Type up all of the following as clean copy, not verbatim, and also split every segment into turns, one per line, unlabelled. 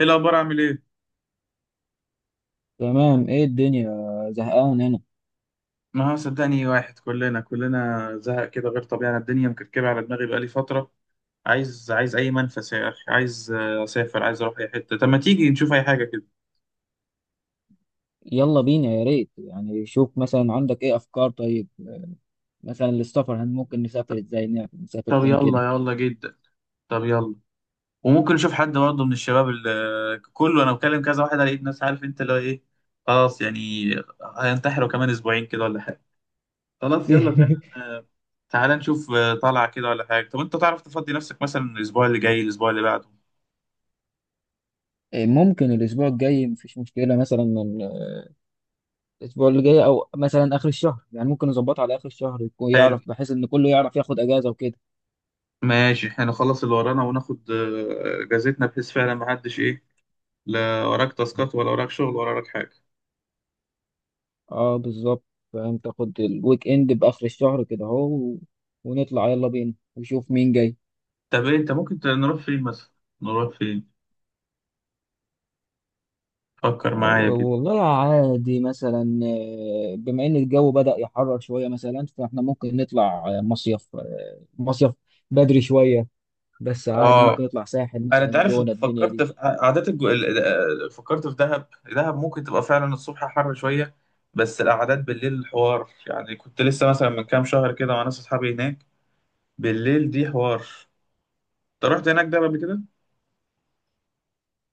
ايه الاخبار؟ عامل ايه؟
تمام، ايه الدنيا؟ زهقان هنا.
ما هو صدقني واحد كلنا زهق كده غير طبيعي. انا الدنيا مكركبه على دماغي بقالي فتره. عايز اي منفس يا اخي. عايز اسافر، عايز اروح اي حته. طب ما تيجي نشوف اي حاجه كده؟
يلا بينا، يا ريت. يعني شوف مثلا عندك ايه افكار؟ طيب مثلا للسفر هن ممكن نسافر ازاي، نعرف نسافر
طب
فين كده.
يلا، يلا جدا. طب يلا. وممكن نشوف حد برضه من الشباب اللي كله. انا بكلم كذا واحد على الناس، عارف انت اللي هو ايه. خلاص يعني هينتحروا كمان اسبوعين كده ولا حاجه. خلاص يلا فعلا. آه، تعالى نشوف طلعه كده ولا حاجه. طب انت تعرف تفضي نفسك مثلا الاسبوع اللي جاي، الاسبوع اللي بعده؟
ممكن الاسبوع الجاي مفيش مشكلة، مثلا من الاسبوع اللي جاي او مثلا اخر الشهر. يعني ممكن نظبطها على اخر الشهر، يكون
حلو.
يعرف بحيث ان كله يعرف ياخد اجازة وكده.
ماشي، احنا نخلص اللي ورانا وناخد اجازتنا بحيث فعلا ما حدش ايه. لا وراك تاسكات ولا وراك شغل ولا وراك حاجه.
اه بالظبط، فاهم؟ تاخد الويك اند باخر الشهر كده اهو ونطلع. يلا بينا ونشوف مين جاي.
طب إيه؟ انت ممكن نروح فين مثلا؟ نروح فين؟ فكر معايا كده.
والله عادي، مثلا بما ان الجو بدأ يحرر شوية، مثلا فاحنا ممكن نطلع مصيف، مصيف بدري شوية، بس عادي
اه،
ممكن نطلع ساحل
انا
مثلا،
انت عارف،
جونة، الدنيا
فكرت
دي.
في قعدات الجو فكرت في دهب. دهب ممكن تبقى فعلا الصبح حر شويه، بس القعدات بالليل الحوار. يعني كنت لسه مثلا من كام شهر كده مع ناس اصحابي هناك، بالليل دي حوار. انت رحت هناك دهب قبل كده؟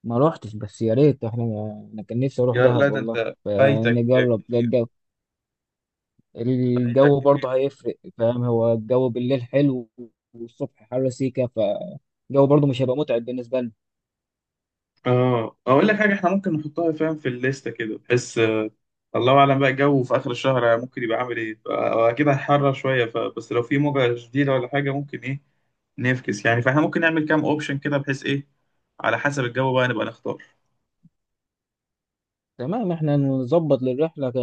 ما روحتش، بس يا ريت. احنا انا كان نفسي اروح
يا لا،
دهب
ده
والله،
انت فايتك
فنجرب ده
كتير.
الجو.
فايتك
الجو
كتير.
برضه هيفرق، فاهم؟ هو الجو بالليل حلو والصبح حر سيكا، فالجو برضه مش هيبقى متعب بالنسبة لنا.
اه، اقول لك حاجه، احنا ممكن نحطها فاهم في الليسته كده بحيث الله اعلم بقى الجو في اخر الشهر ممكن يبقى عامل ايه. اكيد هيحرر شويه، فبس لو في موجه شديده ولا حاجه ممكن ايه نفكس يعني. فاحنا ممكن نعمل كام اوبشن كده بحيث ايه، على حسب الجو بقى نبقى نختار.
تمام، احنا نظبط للرحلة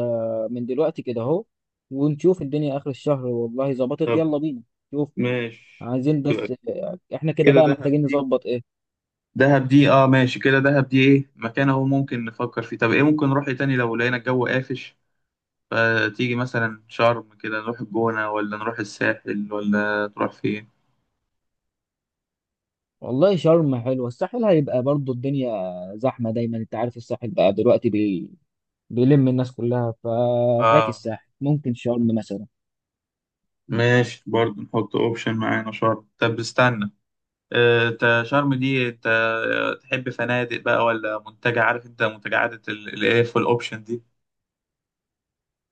من دلوقتي كده اهو، ونشوف الدنيا آخر الشهر. والله ظبطت، يلا
طب
بينا. شوف،
ماشي.
عايزين
يبقى
بس اه، احنا كده
كده
بقى
دهب
محتاجين
دي.
نظبط ايه.
دهب دي، اه ماشي، كده دهب دي ايه مكان اهو ممكن نفكر فيه. طب ايه ممكن نروح إيه تاني لو لقينا الجو قافش؟ فتيجي مثلا شرم كده، نروح الجونة، ولا نروح الساحل، ولا تروح فين؟
والله شرم حلوة، الساحل هيبقى برضو الدنيا زحمة دايما. انت عارف الساحل بقى دلوقتي بيلم الناس كلها، ففاك
اه
الساحل، ممكن شرم مثلا.
ماشي، برضه نحط اوبشن معانا شرم. طب استنى، انت شرم دي انت تحب فنادق بقى ولا منتجع؟ عارف انت منتجعات الاف والاوبشن دي،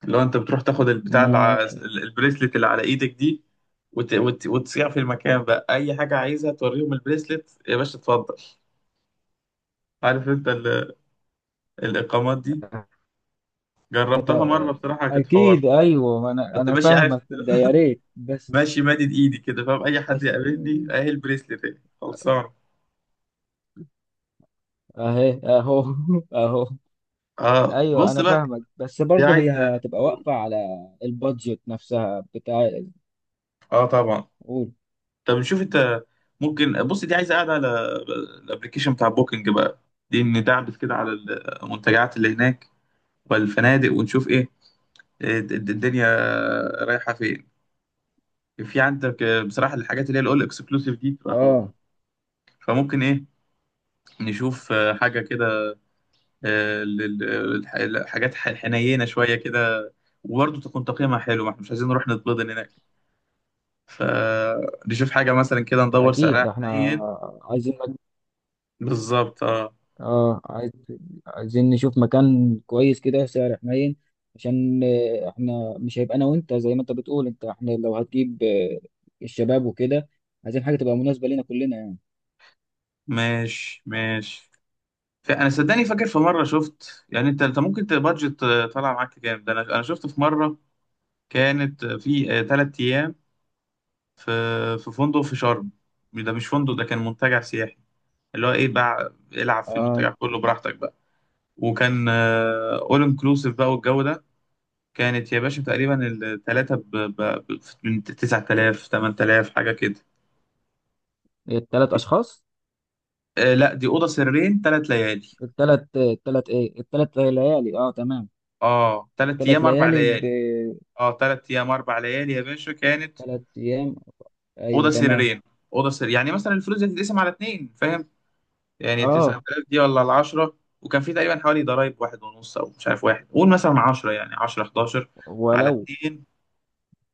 اللي هو انت بتروح تاخد البتاع اللي
ما
البريسلت اللي على ايدك دي وتصيع في المكان بقى. اي حاجه عايزها توريهم البريسلت يا باشا اتفضل. عارف انت الاقامات دي؟ جربتها مره بصراحه كانت حوار.
اكيد ايوه، انا
كنت
انا
ماشي عارف
فاهمك.
انت،
ده يا ريت، بس
ماشي مادد ايدي كده فاهم، اي حد
بس
يقابلني اهي البريسلت اهي. خلصان؟
اهي اهو. اهو.
اه
ايوه
بص
انا
بقى،
فاهمك، بس
دي
برضه هي
عايزه.
هتبقى واقفه على البادجت نفسها بتاع.
اه طبعا.
قول.
طب نشوف. انت ممكن بص، دي عايزه قاعده على الابلكيشن بتاع بوكينج بقى. دي ندعبس كده على المنتجعات اللي هناك والفنادق، ونشوف ايه الدنيا رايحه فين. في عندك بصراحه الحاجات اللي هي الاول اكسكلوسيف دي بتبقى حوار،
اه
فممكن ايه نشوف حاجه كده، آه، لل- الحاجات حنينه شويه كده، وبرضه تكون تقييمها حلو. ما احنا مش عايزين نروح نتبضن هناك، فنشوف حاجه مثلا كده ندور
اكيد،
سعرها
ده احنا
حنين.
عايزين
بالظبط اه.
اه عايزين نشوف مكان كويس كده، سعر حنين. عشان آه، احنا مش هيبقى انا وانت، زي ما انت بتقول. انت احنا لو هتجيب آه، الشباب وكده، عايزين حاجه تبقى مناسبه لينا كلنا يعني.
ماشي ماشي. انا صدقني فاكر في مره شفت يعني، انت ممكن تبادجت طالع معاك كام؟ ده انا شفت في مره كانت في ثلاث ايام في فندق في شرم. ده مش فندق، ده كان منتجع سياحي، اللي هو ايه بقى العب في
اه
المنتجع كله براحتك بقى. وكان اول انكلوسيف بقى والجو ده، كانت يا باشا تقريبا الثلاثه من 9,000، 8,000 حاجه كده.
الثلاث اشخاص.
لا، دي اوضه سريرين، ثلاث ليالي.
الثلاث ليالي، اه تمام.
اه ثلاث
الثلاث
ايام اربع
ليالي
ليالي. اه ثلاث ايام اربع ليالي يا باشا كانت.
بثلاث ايام، ايوه
اوضه
تمام.
سريرين، اوضه سرير، يعني مثلا الفلوس دي تتقسم على اتنين فاهم؟ يعني
اه
9,000 دي، ولا ال 10. وكان في تقريبا حوالي ضرايب واحد ونص، او مش عارف واحد، قول مثلا 10. يعني 10، 11 على
ولو
اتنين،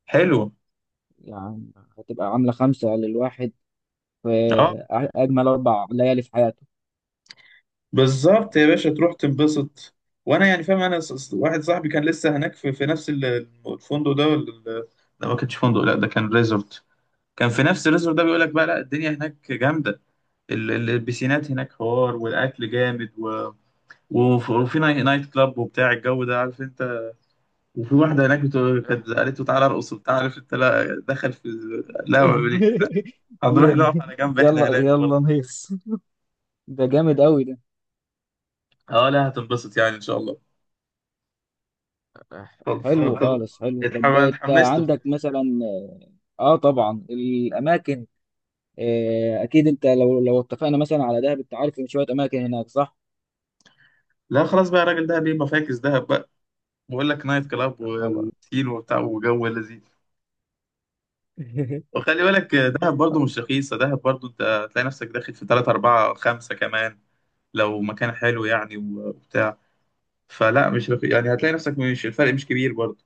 حلو.
يعني هتبقى عاملة خمسة للواحد، في
اه
أجمل أربع ليالي في حياته
بالظبط
يعني.
يا باشا، تروح تنبسط. وانا يعني فاهم. انا واحد صاحبي كان لسه هناك في, نفس الفندق ده، ولا ال- لا ما كانش فندق، لا ده كان ريزورت. كان في نفس الريزورت ده، بيقول لك بقى لا الدنيا هناك جامده، البسينات هناك حوار، والاكل جامد، وفي نايت كلاب وبتاع الجو ده عارف انت. وفي واحده هناك كانت قالت له تعالى ارقص وبتاع عارف انت، لا دخل في، لا ما بي-
إح-
هنروح نقف على جنب احنا
يلا
هناك برضه.
يلا نهيص، ده جامد أوي ده.
اه لا، هتنبسط يعني ان شاء الله.
حلو
خلصان. طب
خالص، حلو. طب انت
اتحمست
عندك
بصراحة.
مثلا، اه طبعا الاماكن، آه اكيد انت، لو لو اتفقنا مثلا على دهب، انت عارف ان شويه اماكن هناك، صح؟
لا خلاص بقى، الراجل ده بيبقى فاكس دهب بقى، بقول لك نايت كلاب
خلاص.
وسين وبتاع وجو لذيذ. وخلي بالك دهب برضو مش رخيصة، دهب برضو انت هتلاقي نفسك داخل في تلاتة، أربعة، خمسة كمان لو مكان حلو يعني وبتاع. فلا مش رخيص يعني، هتلاقي نفسك مش، الفرق مش كبير برضو.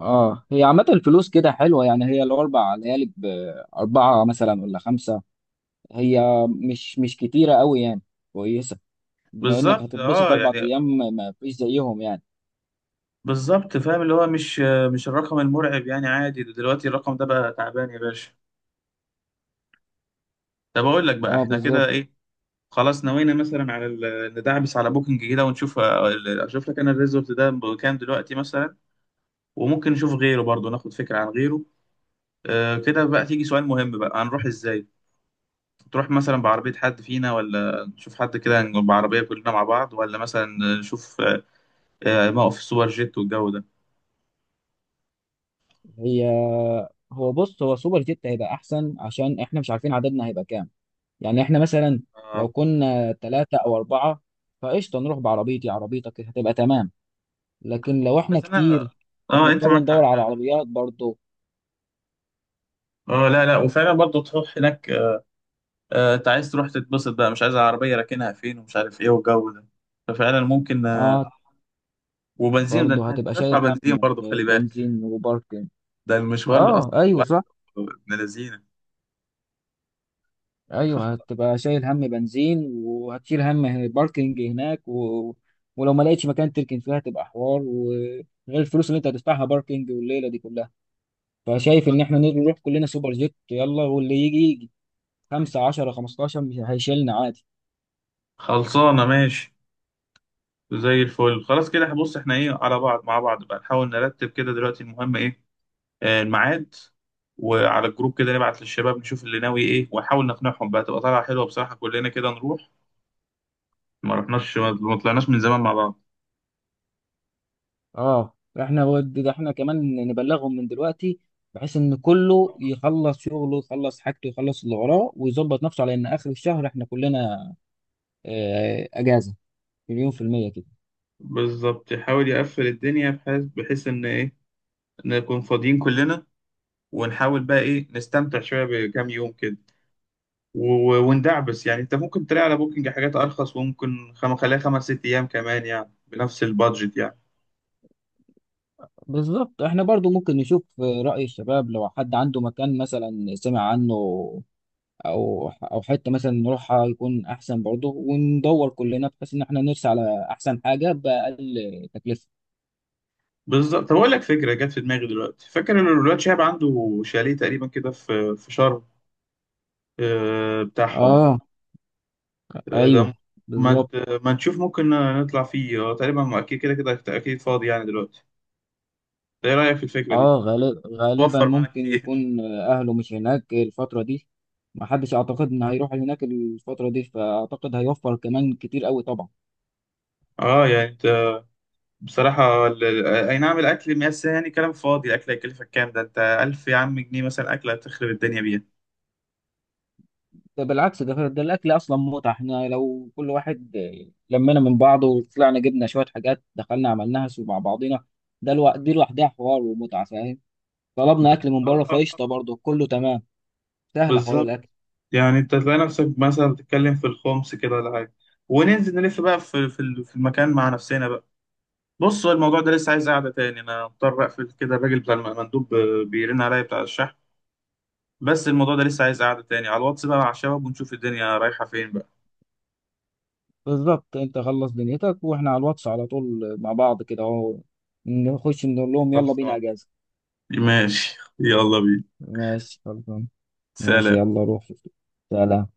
اه، هي عامه الفلوس كده حلوه يعني. هي الاربع ليالي باربعه مثلا ولا خمسه، هي مش مش كتيرة قوي يعني، كويسة. بما انك
بالظبط
هتتبسط
اه
اربع
يعني،
ايام، ما ما فيش زيهم يعني.
بالظبط فاهم، اللي هو مش مش الرقم المرعب يعني، عادي. ده دلوقتي الرقم ده بقى تعبان يا باشا. طب أقول لك بقى
اه
احنا كده
بالظبط.
ايه، خلاص نوينا مثلا على ندعبس على بوكينج كده ونشوف. اشوف لك انا الريزورت ده بكام دلوقتي مثلا، وممكن نشوف غيره برضو ناخد فكرة عن غيره. آه كده بقى تيجي سؤال مهم بقى، هنروح ازاي؟ تروح مثلا بعربية حد فينا، ولا نشوف حد كده نجيب بعربية كلنا مع بعض، ولا مثلا نشوف آه موقف سوبر جيت والجو ده؟
هي هو بص، هو سوبر جيت هيبقى احسن عشان احنا مش عارفين عددنا هيبقى كام. يعني احنا مثلا لو
آه
كنا ثلاثة او اربعة فقشطة، نروح بعربيتي عربيتك هتبقى تمام. لكن لو احنا
بس انا،
كتير
اه انت
هنضطر
معاك حق
ندور على
فعلا.
عربيات برضه.
اه لا لا، وفعلا برضه تروح هناك آه انت عايز تروح تتبسط بقى، مش عايز العربية راكنها فين ومش عارف ايه والجو ده. ففعلا ممكن آه.
اه
وبنزين ده، انت
برضه هتبقى
هتدفع
شايل
بنزين
هم
برضه
آه،
خلي بالك،
بنزين وباركن.
ده المشوار الاصلي
اه ايوه
من الذين.
ايوه، هتبقى شايل هم بنزين وهتشيل هم باركنج هناك و... ولو ما لقيتش مكان تركن فيها هتبقى حوار، وغير الفلوس اللي انت هتدفعها باركنج والليله دي كلها. فشايف ان احنا نروح كلنا سوبر جيت، يلا واللي يجي يجي. 5 10 15 مش هيشيلنا عادي.
خلصانة ماشي. زي الفل خلاص كده. بص احنا ايه على بعض مع بعض بقى، نحاول نرتب كده دلوقتي المهم ايه، الميعاد. وعلى الجروب كده نبعت للشباب نشوف اللي ناوي ايه، ونحاول نقنعهم بقى تبقى طالعة حلوة بصراحة، كلنا كده نروح. ما رحناش، ما طلعناش من زمان مع بعض.
اه احنا ده احنا كمان نبلغهم من دلوقتي، بحيث ان كله يخلص شغله، يخلص حاجته، يخلص اللي وراه ويظبط نفسه على ان اخر الشهر احنا كلنا آه، اجازه، 100% كده.
بالظبط، يحاول يقفل الدنيا بحيث ان ايه، نكون فاضيين كلنا، ونحاول بقى ايه نستمتع شويه بكام يوم كده. وندعبس يعني، انت ممكن تلاقي على بوكينج حاجات ارخص، وممكن خليها خمس ست ايام كمان يعني بنفس البادجت يعني.
بالظبط. احنا برضو ممكن نشوف رأي الشباب، لو حد عنده مكان مثلا سمع عنه، او حتة مثلا نروحها يكون احسن برضو، وندور كلنا بحيث ان احنا نرسى على احسن حاجة بأقل تكلفة.
بالظبط. طب اقول لك فكره جت في دماغي دلوقتي، فاكر ان الولاد شهاب عنده شاليه تقريبا كده في شرم، بتاعهم
اه
ده.
ايوه
ما
بالظبط.
نشوف ممكن نطلع فيه تقريبا، ما اكيد كده كده اكيد فاضي يعني دلوقتي ده. ايه رايك في الفكره دي؟
اه غالبا
توفر معانا
ممكن
كتير.
يكون اهله مش هناك الفترة دي. ما حدش اعتقد ان هيروح هناك الفترة دي، فاعتقد هيوفر كمان كتير قوي طبعا.
اه يعني انت بصراحه اي نعم الاكل، بس يعني كلام فاضي. الاكل هيكلفك كام؟ ده انت 1,000 يا عم جنيه مثلا اكله هتخرب الدنيا بيها.
ده بالعكس، ده الاكل اصلا متعه. احنا لو كل واحد لمينا من بعضه، وطلعنا جبنا شويه حاجات دخلنا عملناها سوا مع بعضينا، ده الوقت دي لوحدها حوار ومتعه، فاهم؟ طلبنا اكل من
آه،
بره
آه،
فقشطه
آه.
برضه، كله تمام. سهل، حوار
بالظبط.
الاكل.
يعني انت تلاقي نفسك مثلا بتتكلم في الخمس كده ولا حاجه، وننزل نلف بقى في في المكان مع نفسنا بقى. بص هو الموضوع ده لسه عايز قعده تاني، انا مضطر اقفل كده. الراجل بتاع المندوب بيرن عليا بتاع الشحن. بس الموضوع ده لسه عايز قعده تاني على الواتس بقى مع الشباب، ونشوف الدنيا رايحه فين بقى.
بالظبط، انت خلص دنيتك واحنا على الواتس على طول مع بعض كده اهو، نخش نقول لهم يلا بينا
خلصان.
اجازه.
ماشي يلا بينا.
ماشي خلصان. ماشي
سلام.
يلا روح. سلام.